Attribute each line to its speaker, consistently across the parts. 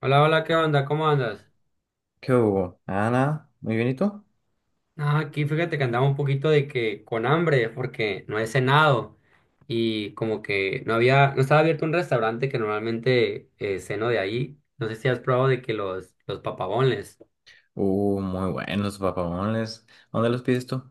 Speaker 1: Hola, hola, ¿qué onda? ¿Cómo andas?
Speaker 2: ¿Qué hubo, Ana? Muy bien, ¿y tú?
Speaker 1: Ah, aquí fíjate que andaba un poquito de que con hambre porque no he cenado y como que no había, no estaba abierto un restaurante que normalmente ceno de ahí. No sé si has probado de que los papabones.
Speaker 2: Muy buenos papamones. ¿Dónde los pides tú?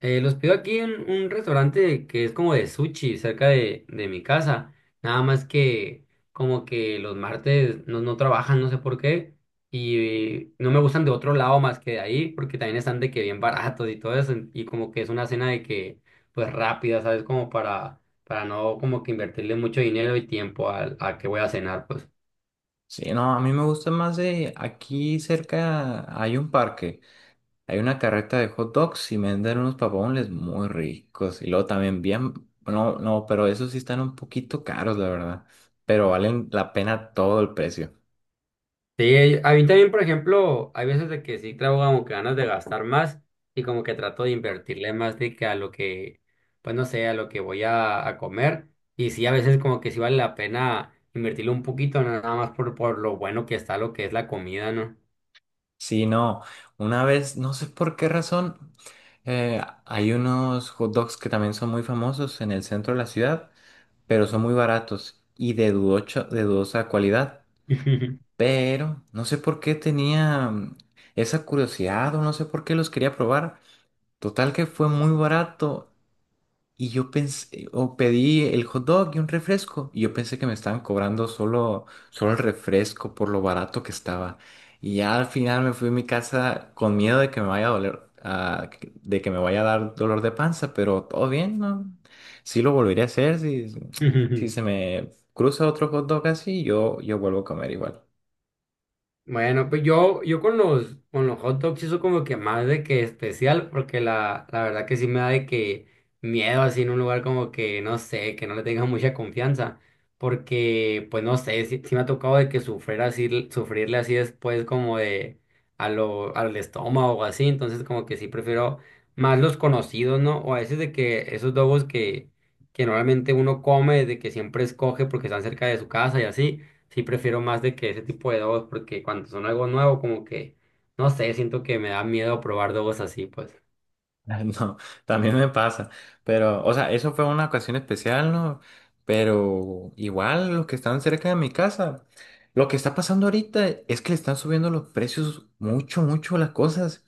Speaker 1: Los pido aquí en un restaurante que es como de sushi, cerca de mi casa. Nada más que como que los martes no trabajan, no sé por qué. Y no me gustan de otro lado más que de ahí, porque también están de que bien baratos y todo eso. Y como que es una cena de que, pues rápida, ¿sabes? Como para no como que invertirle mucho dinero y tiempo a, que voy a cenar, pues.
Speaker 2: Sí, no, a mí me gusta más. De aquí cerca hay un parque, hay una carreta de hot dogs y venden unos papamones muy ricos. Y luego también bien, no, no, pero esos sí están un poquito caros, la verdad. Pero valen la pena todo el precio.
Speaker 1: Sí, a mí también, por ejemplo, hay veces de que sí traigo como que ganas de gastar más y como que trato de invertirle más de que a lo que, pues no sé, a lo que voy a comer. Y sí, a veces como que sí vale la pena invertirle un poquito, no nada más por lo bueno que está lo que es la comida, ¿no?
Speaker 2: Sí, no, una vez, no sé por qué razón, hay unos hot dogs que también son muy famosos en el centro de la ciudad, pero son muy baratos y de dudosa calidad. Pero no sé por qué tenía esa curiosidad o no sé por qué los quería probar. Total que fue muy barato y yo pensé, o pedí el hot dog y un refresco. Y yo pensé que me estaban cobrando solo el refresco por lo barato que estaba. Y ya al final me fui a mi casa con miedo de que me vaya a doler, de que me vaya a dar dolor de panza, pero todo bien, ¿no? Sí lo volvería a hacer. Si, si se me cruza otro hot dog así, yo vuelvo a comer igual.
Speaker 1: Bueno, pues yo, con con los hot dogs eso como que más de que especial, porque la verdad que sí me da de que miedo así en un lugar como que, no sé, que no le tenga mucha confianza, porque pues no sé, sí, sí me ha tocado de que sufrir así, sufrirle así después como de a lo, al estómago o así, entonces como que sí prefiero más los conocidos, ¿no? O a veces de que esos dogos que normalmente uno come, de que siempre escoge porque están cerca de su casa y así sí prefiero más de que ese tipo de dogos, porque cuando son algo nuevo, como que, no sé, siento que me da miedo probar dogos así, pues.
Speaker 2: No, también me pasa, pero, o sea, eso fue una ocasión especial, ¿no? Pero igual los que están cerca de mi casa, lo que está pasando ahorita es que le están subiendo los precios mucho, mucho las cosas.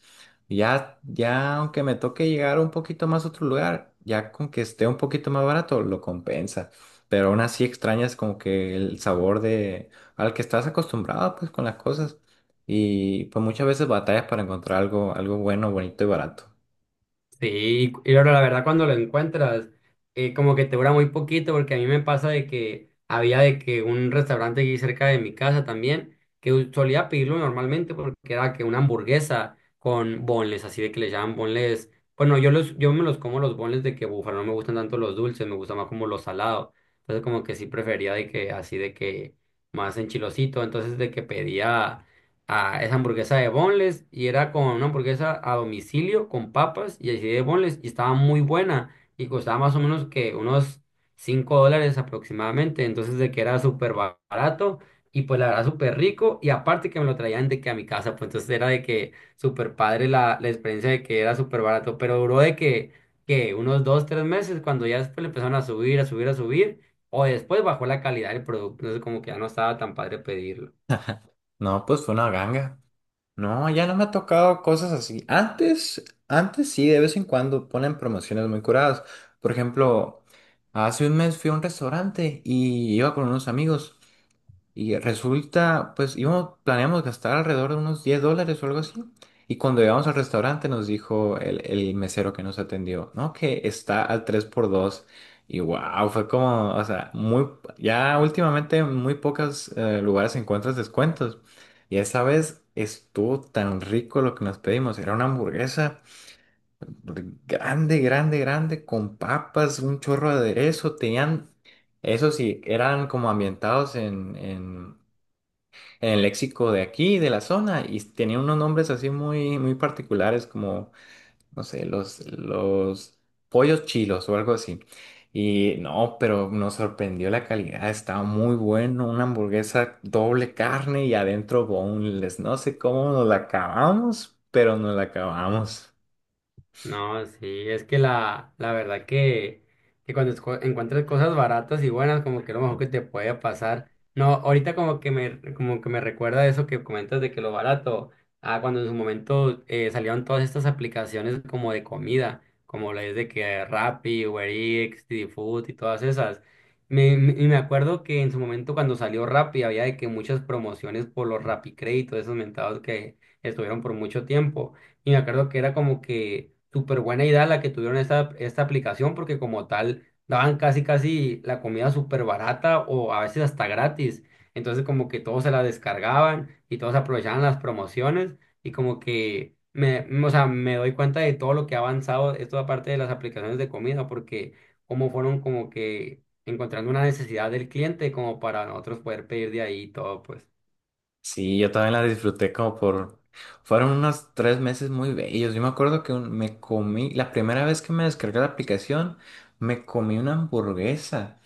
Speaker 2: Ya, ya, aunque me toque llegar un poquito más a otro lugar, ya con que esté un poquito más barato, lo compensa. Pero aún así extrañas como que el sabor de al que estás acostumbrado, pues, con las cosas. Y pues muchas veces batallas para encontrar algo, algo bueno, bonito y barato.
Speaker 1: Sí, y ahora la verdad cuando lo encuentras, como que te dura muy poquito, porque a mí me pasa de que había de que un restaurante aquí cerca de mi casa también, que solía pedirlo normalmente porque era que una hamburguesa con bonles, así de que le llaman bonles. Bueno, yo los, yo me los como los bonles de que búfalo, no me gustan tanto los dulces, me gusta más como los salados. Entonces como que sí prefería de que así de que más enchilosito, entonces de que pedía a esa hamburguesa de boneless y era con una hamburguesa a domicilio con papas y así de boneless y estaba muy buena y costaba más o menos que unos $5 aproximadamente, entonces de que era súper barato y pues la verdad súper rico y aparte que me lo traían de que a mi casa, pues entonces era de que súper padre la experiencia de que era súper barato, pero duró de que unos 2 3 meses cuando ya después le empezaron a subir, a subir, a subir. O después bajó la calidad del producto, entonces como que ya no estaba tan padre pedirlo.
Speaker 2: No, pues fue una ganga. No, ya no me ha tocado cosas así. Antes, antes sí, de vez en cuando ponen promociones muy curadas. Por ejemplo, hace un mes fui a un restaurante y iba con unos amigos. Y resulta, pues íbamos, planeamos gastar alrededor de unos $10 o algo así. Y cuando llegamos al restaurante nos dijo el mesero que nos atendió, ¿no? Que está al 3x2. Y wow, fue como, o sea, muy, ya últimamente en muy pocos lugares encuentras descuentos. Y esa vez estuvo tan rico lo que nos pedimos. Era una hamburguesa grande, grande, grande, con papas, un chorro de aderezo. Tenían, eso sí, eran como ambientados en, en el léxico de aquí, de la zona, y tenía unos nombres así muy, muy particulares como, no sé, los pollos chilos o algo así. Y no, pero nos sorprendió la calidad, estaba muy bueno, una hamburguesa doble carne y adentro boneless, no sé cómo nos la acabamos, pero nos la acabamos.
Speaker 1: No, sí, es que la verdad que cuando encuentras cosas baratas y buenas, como que es lo mejor que te puede pasar. No, ahorita como que me recuerda eso que comentas de que lo barato, ah, cuando en su momento salieron todas estas aplicaciones como de comida, como la es de que Rappi, Uber Eats, Didi Food y todas esas. Y me acuerdo que en su momento cuando salió Rappi había de que muchas promociones por los Rappi Crédito, esos mentados que estuvieron por mucho tiempo. Y me acuerdo que era como que súper buena idea la que tuvieron esta aplicación porque como tal daban casi casi la comida súper barata o a veces hasta gratis. Entonces como que todos se la descargaban y todos aprovechaban las promociones y como que me, o sea, me doy cuenta de todo lo que ha avanzado esto aparte de las aplicaciones de comida porque como fueron como que encontrando una necesidad del cliente como para nosotros poder pedir de ahí y todo pues.
Speaker 2: Sí, yo también la disfruté como por... Fueron unos 3 meses muy bellos. Yo me acuerdo que me comí, la primera vez que me descargué la aplicación, me comí una hamburguesa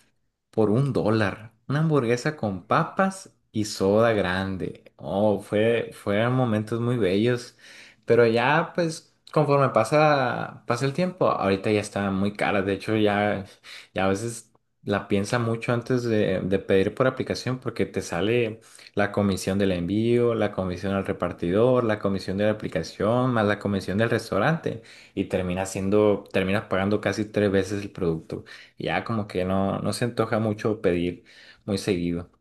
Speaker 2: por $1. Una hamburguesa con papas y soda grande. Oh, fueron momentos muy bellos. Pero ya, pues, conforme pasa el tiempo, ahorita ya está muy cara. De hecho, ya, ya a veces la piensa mucho antes de pedir por aplicación porque te sale la comisión del envío, la comisión al repartidor, la comisión de la aplicación, más la comisión del restaurante. Y termina siendo, terminas pagando casi 3 veces el producto. Ya como que no, no se antoja mucho pedir muy seguido.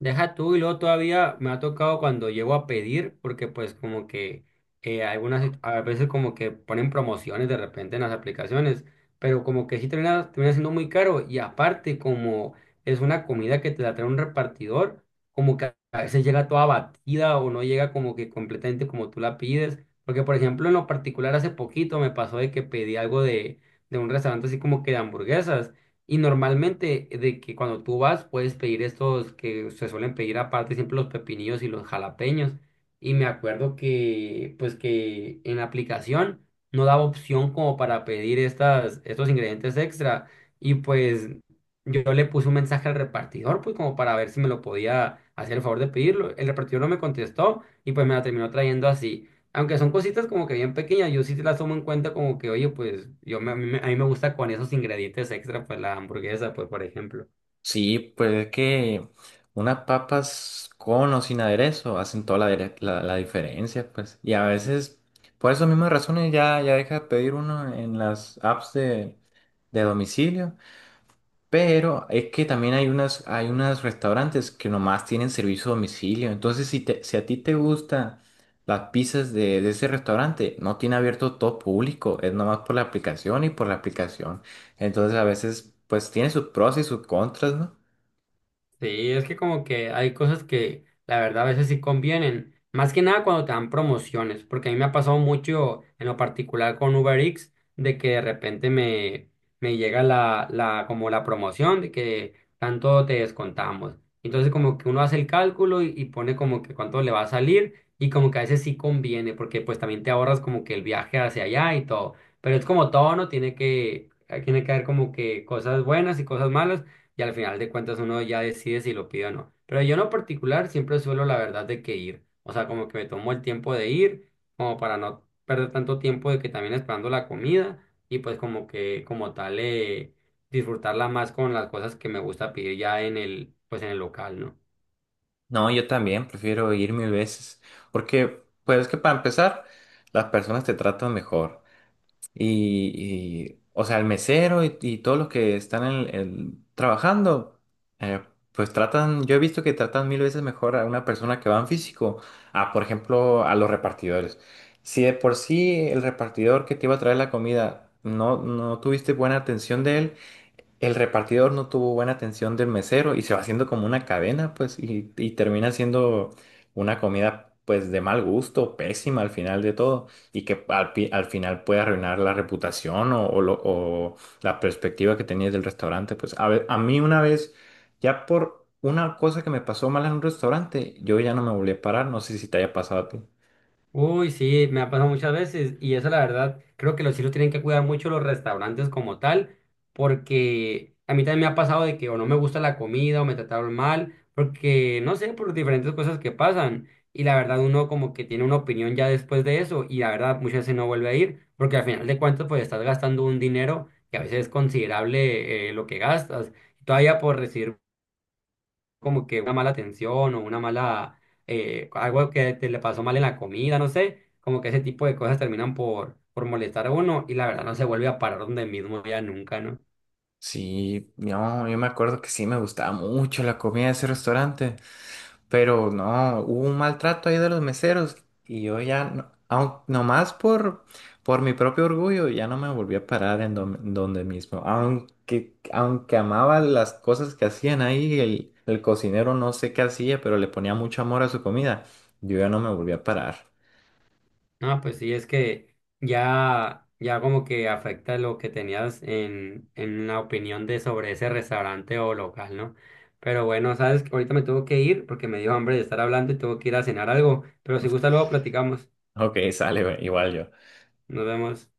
Speaker 1: Deja tú y luego todavía me ha tocado cuando llego a pedir, porque pues como que algunas a veces como que ponen promociones de repente en las aplicaciones, pero como que sí termina, termina siendo muy caro y aparte como es una comida que te la trae un repartidor, como que a veces llega toda batida o no llega como que completamente como tú la pides, porque por ejemplo en lo particular hace poquito me pasó de que pedí algo de un restaurante así como que de hamburguesas. Y normalmente de que cuando tú vas puedes pedir estos que se suelen pedir aparte siempre los pepinillos y los jalapeños. Y me acuerdo que pues que en la aplicación no daba opción como para pedir estos ingredientes extra. Y pues yo le puse un mensaje al repartidor pues como para ver si me lo podía hacer el favor de pedirlo. El repartidor no me contestó y pues me la terminó trayendo así. Aunque son cositas como que bien pequeñas, yo sí las tomo en cuenta como que, oye, pues yo a mí me gusta con esos ingredientes extra, pues la hamburguesa, pues por ejemplo.
Speaker 2: Sí, pues es que unas papas con o sin aderezo hacen toda la diferencia, pues. Y a veces, por esas mismas razones, ya, ya deja de pedir uno en las apps de domicilio. Pero es que también hay unos restaurantes que nomás tienen servicio a domicilio. Entonces, si a ti te gustan las pizzas de ese restaurante, no tiene abierto todo público, es nomás por la aplicación y por la aplicación. Entonces, a veces, pues tiene sus pros y sus contras, ¿no?
Speaker 1: Sí, es que como que hay cosas que la verdad a veces sí convienen, más que nada cuando te dan promociones, porque a mí me ha pasado mucho en lo particular con Uber Eats, de que de repente me, me llega como la promoción de que tanto te descontamos. Entonces como que uno hace el cálculo y pone como que cuánto le va a salir y como que a veces sí conviene, porque pues también te ahorras como que el viaje hacia allá y todo, pero es como todo, ¿no? Tiene que haber como que cosas buenas y cosas malas y al final de cuentas uno ya decide si lo pide o no. Pero yo en lo particular siempre suelo la verdad de que ir, o sea, como que me tomo el tiempo de ir, como para no perder tanto tiempo de que también esperando la comida y pues como que como tal disfrutarla más con las cosas que me gusta pedir ya en el, pues en el local, ¿no?
Speaker 2: No, yo también prefiero ir mil veces, porque, pues es que para empezar, las personas te tratan mejor. O sea, el mesero y todos los que están trabajando, eh, pues tratan, yo he visto que tratan mil veces mejor a una persona que va en físico, a, por ejemplo, a los repartidores. Si de por sí el repartidor que te iba a traer la comida no, no tuviste buena atención de él, el repartidor no tuvo buena atención del mesero y se va haciendo como una cadena, pues, y termina siendo una comida, pues, de mal gusto, pésima al final de todo, y que al final puede arruinar la reputación o la perspectiva que tenías del restaurante. Pues, a mí una vez, ya por una cosa que me pasó mal en un restaurante, yo ya no me volví a parar, no sé si te haya pasado a ti.
Speaker 1: Uy, sí, me ha pasado muchas veces y eso la verdad, creo que los sí lo tienen que cuidar mucho los restaurantes como tal, porque a mí también me ha pasado de que o no me gusta la comida o me trataron mal, porque no sé, por diferentes cosas que pasan y la verdad uno como que tiene una opinión ya después de eso y la verdad muchas veces no vuelve a ir, porque al final de cuentas pues estás gastando un dinero que a veces es considerable lo que gastas, todavía por recibir como que una mala atención o una mala, algo que te le pasó mal en la comida, no sé, como que ese tipo de cosas terminan por molestar a uno y la verdad no se vuelve a parar donde mismo ya nunca, ¿no?
Speaker 2: Sí, no, yo me acuerdo que sí me gustaba mucho la comida de ese restaurante. Pero no, hubo un maltrato ahí de los meseros y yo ya, no, nomás por mi propio orgullo, ya no me volví a parar en donde mismo. Aunque amaba las cosas que hacían ahí, el cocinero no sé qué hacía, pero le ponía mucho amor a su comida, yo ya no me volví a parar.
Speaker 1: No, pues sí, es que ya, ya como que afecta lo que tenías en la opinión de sobre ese restaurante o local, ¿no? Pero bueno, sabes, ahorita me tengo que ir porque me dio hambre de estar hablando y tengo que ir a cenar algo, pero si gusta luego platicamos,
Speaker 2: Ok, sale, güey, igual yo.
Speaker 1: nos vemos.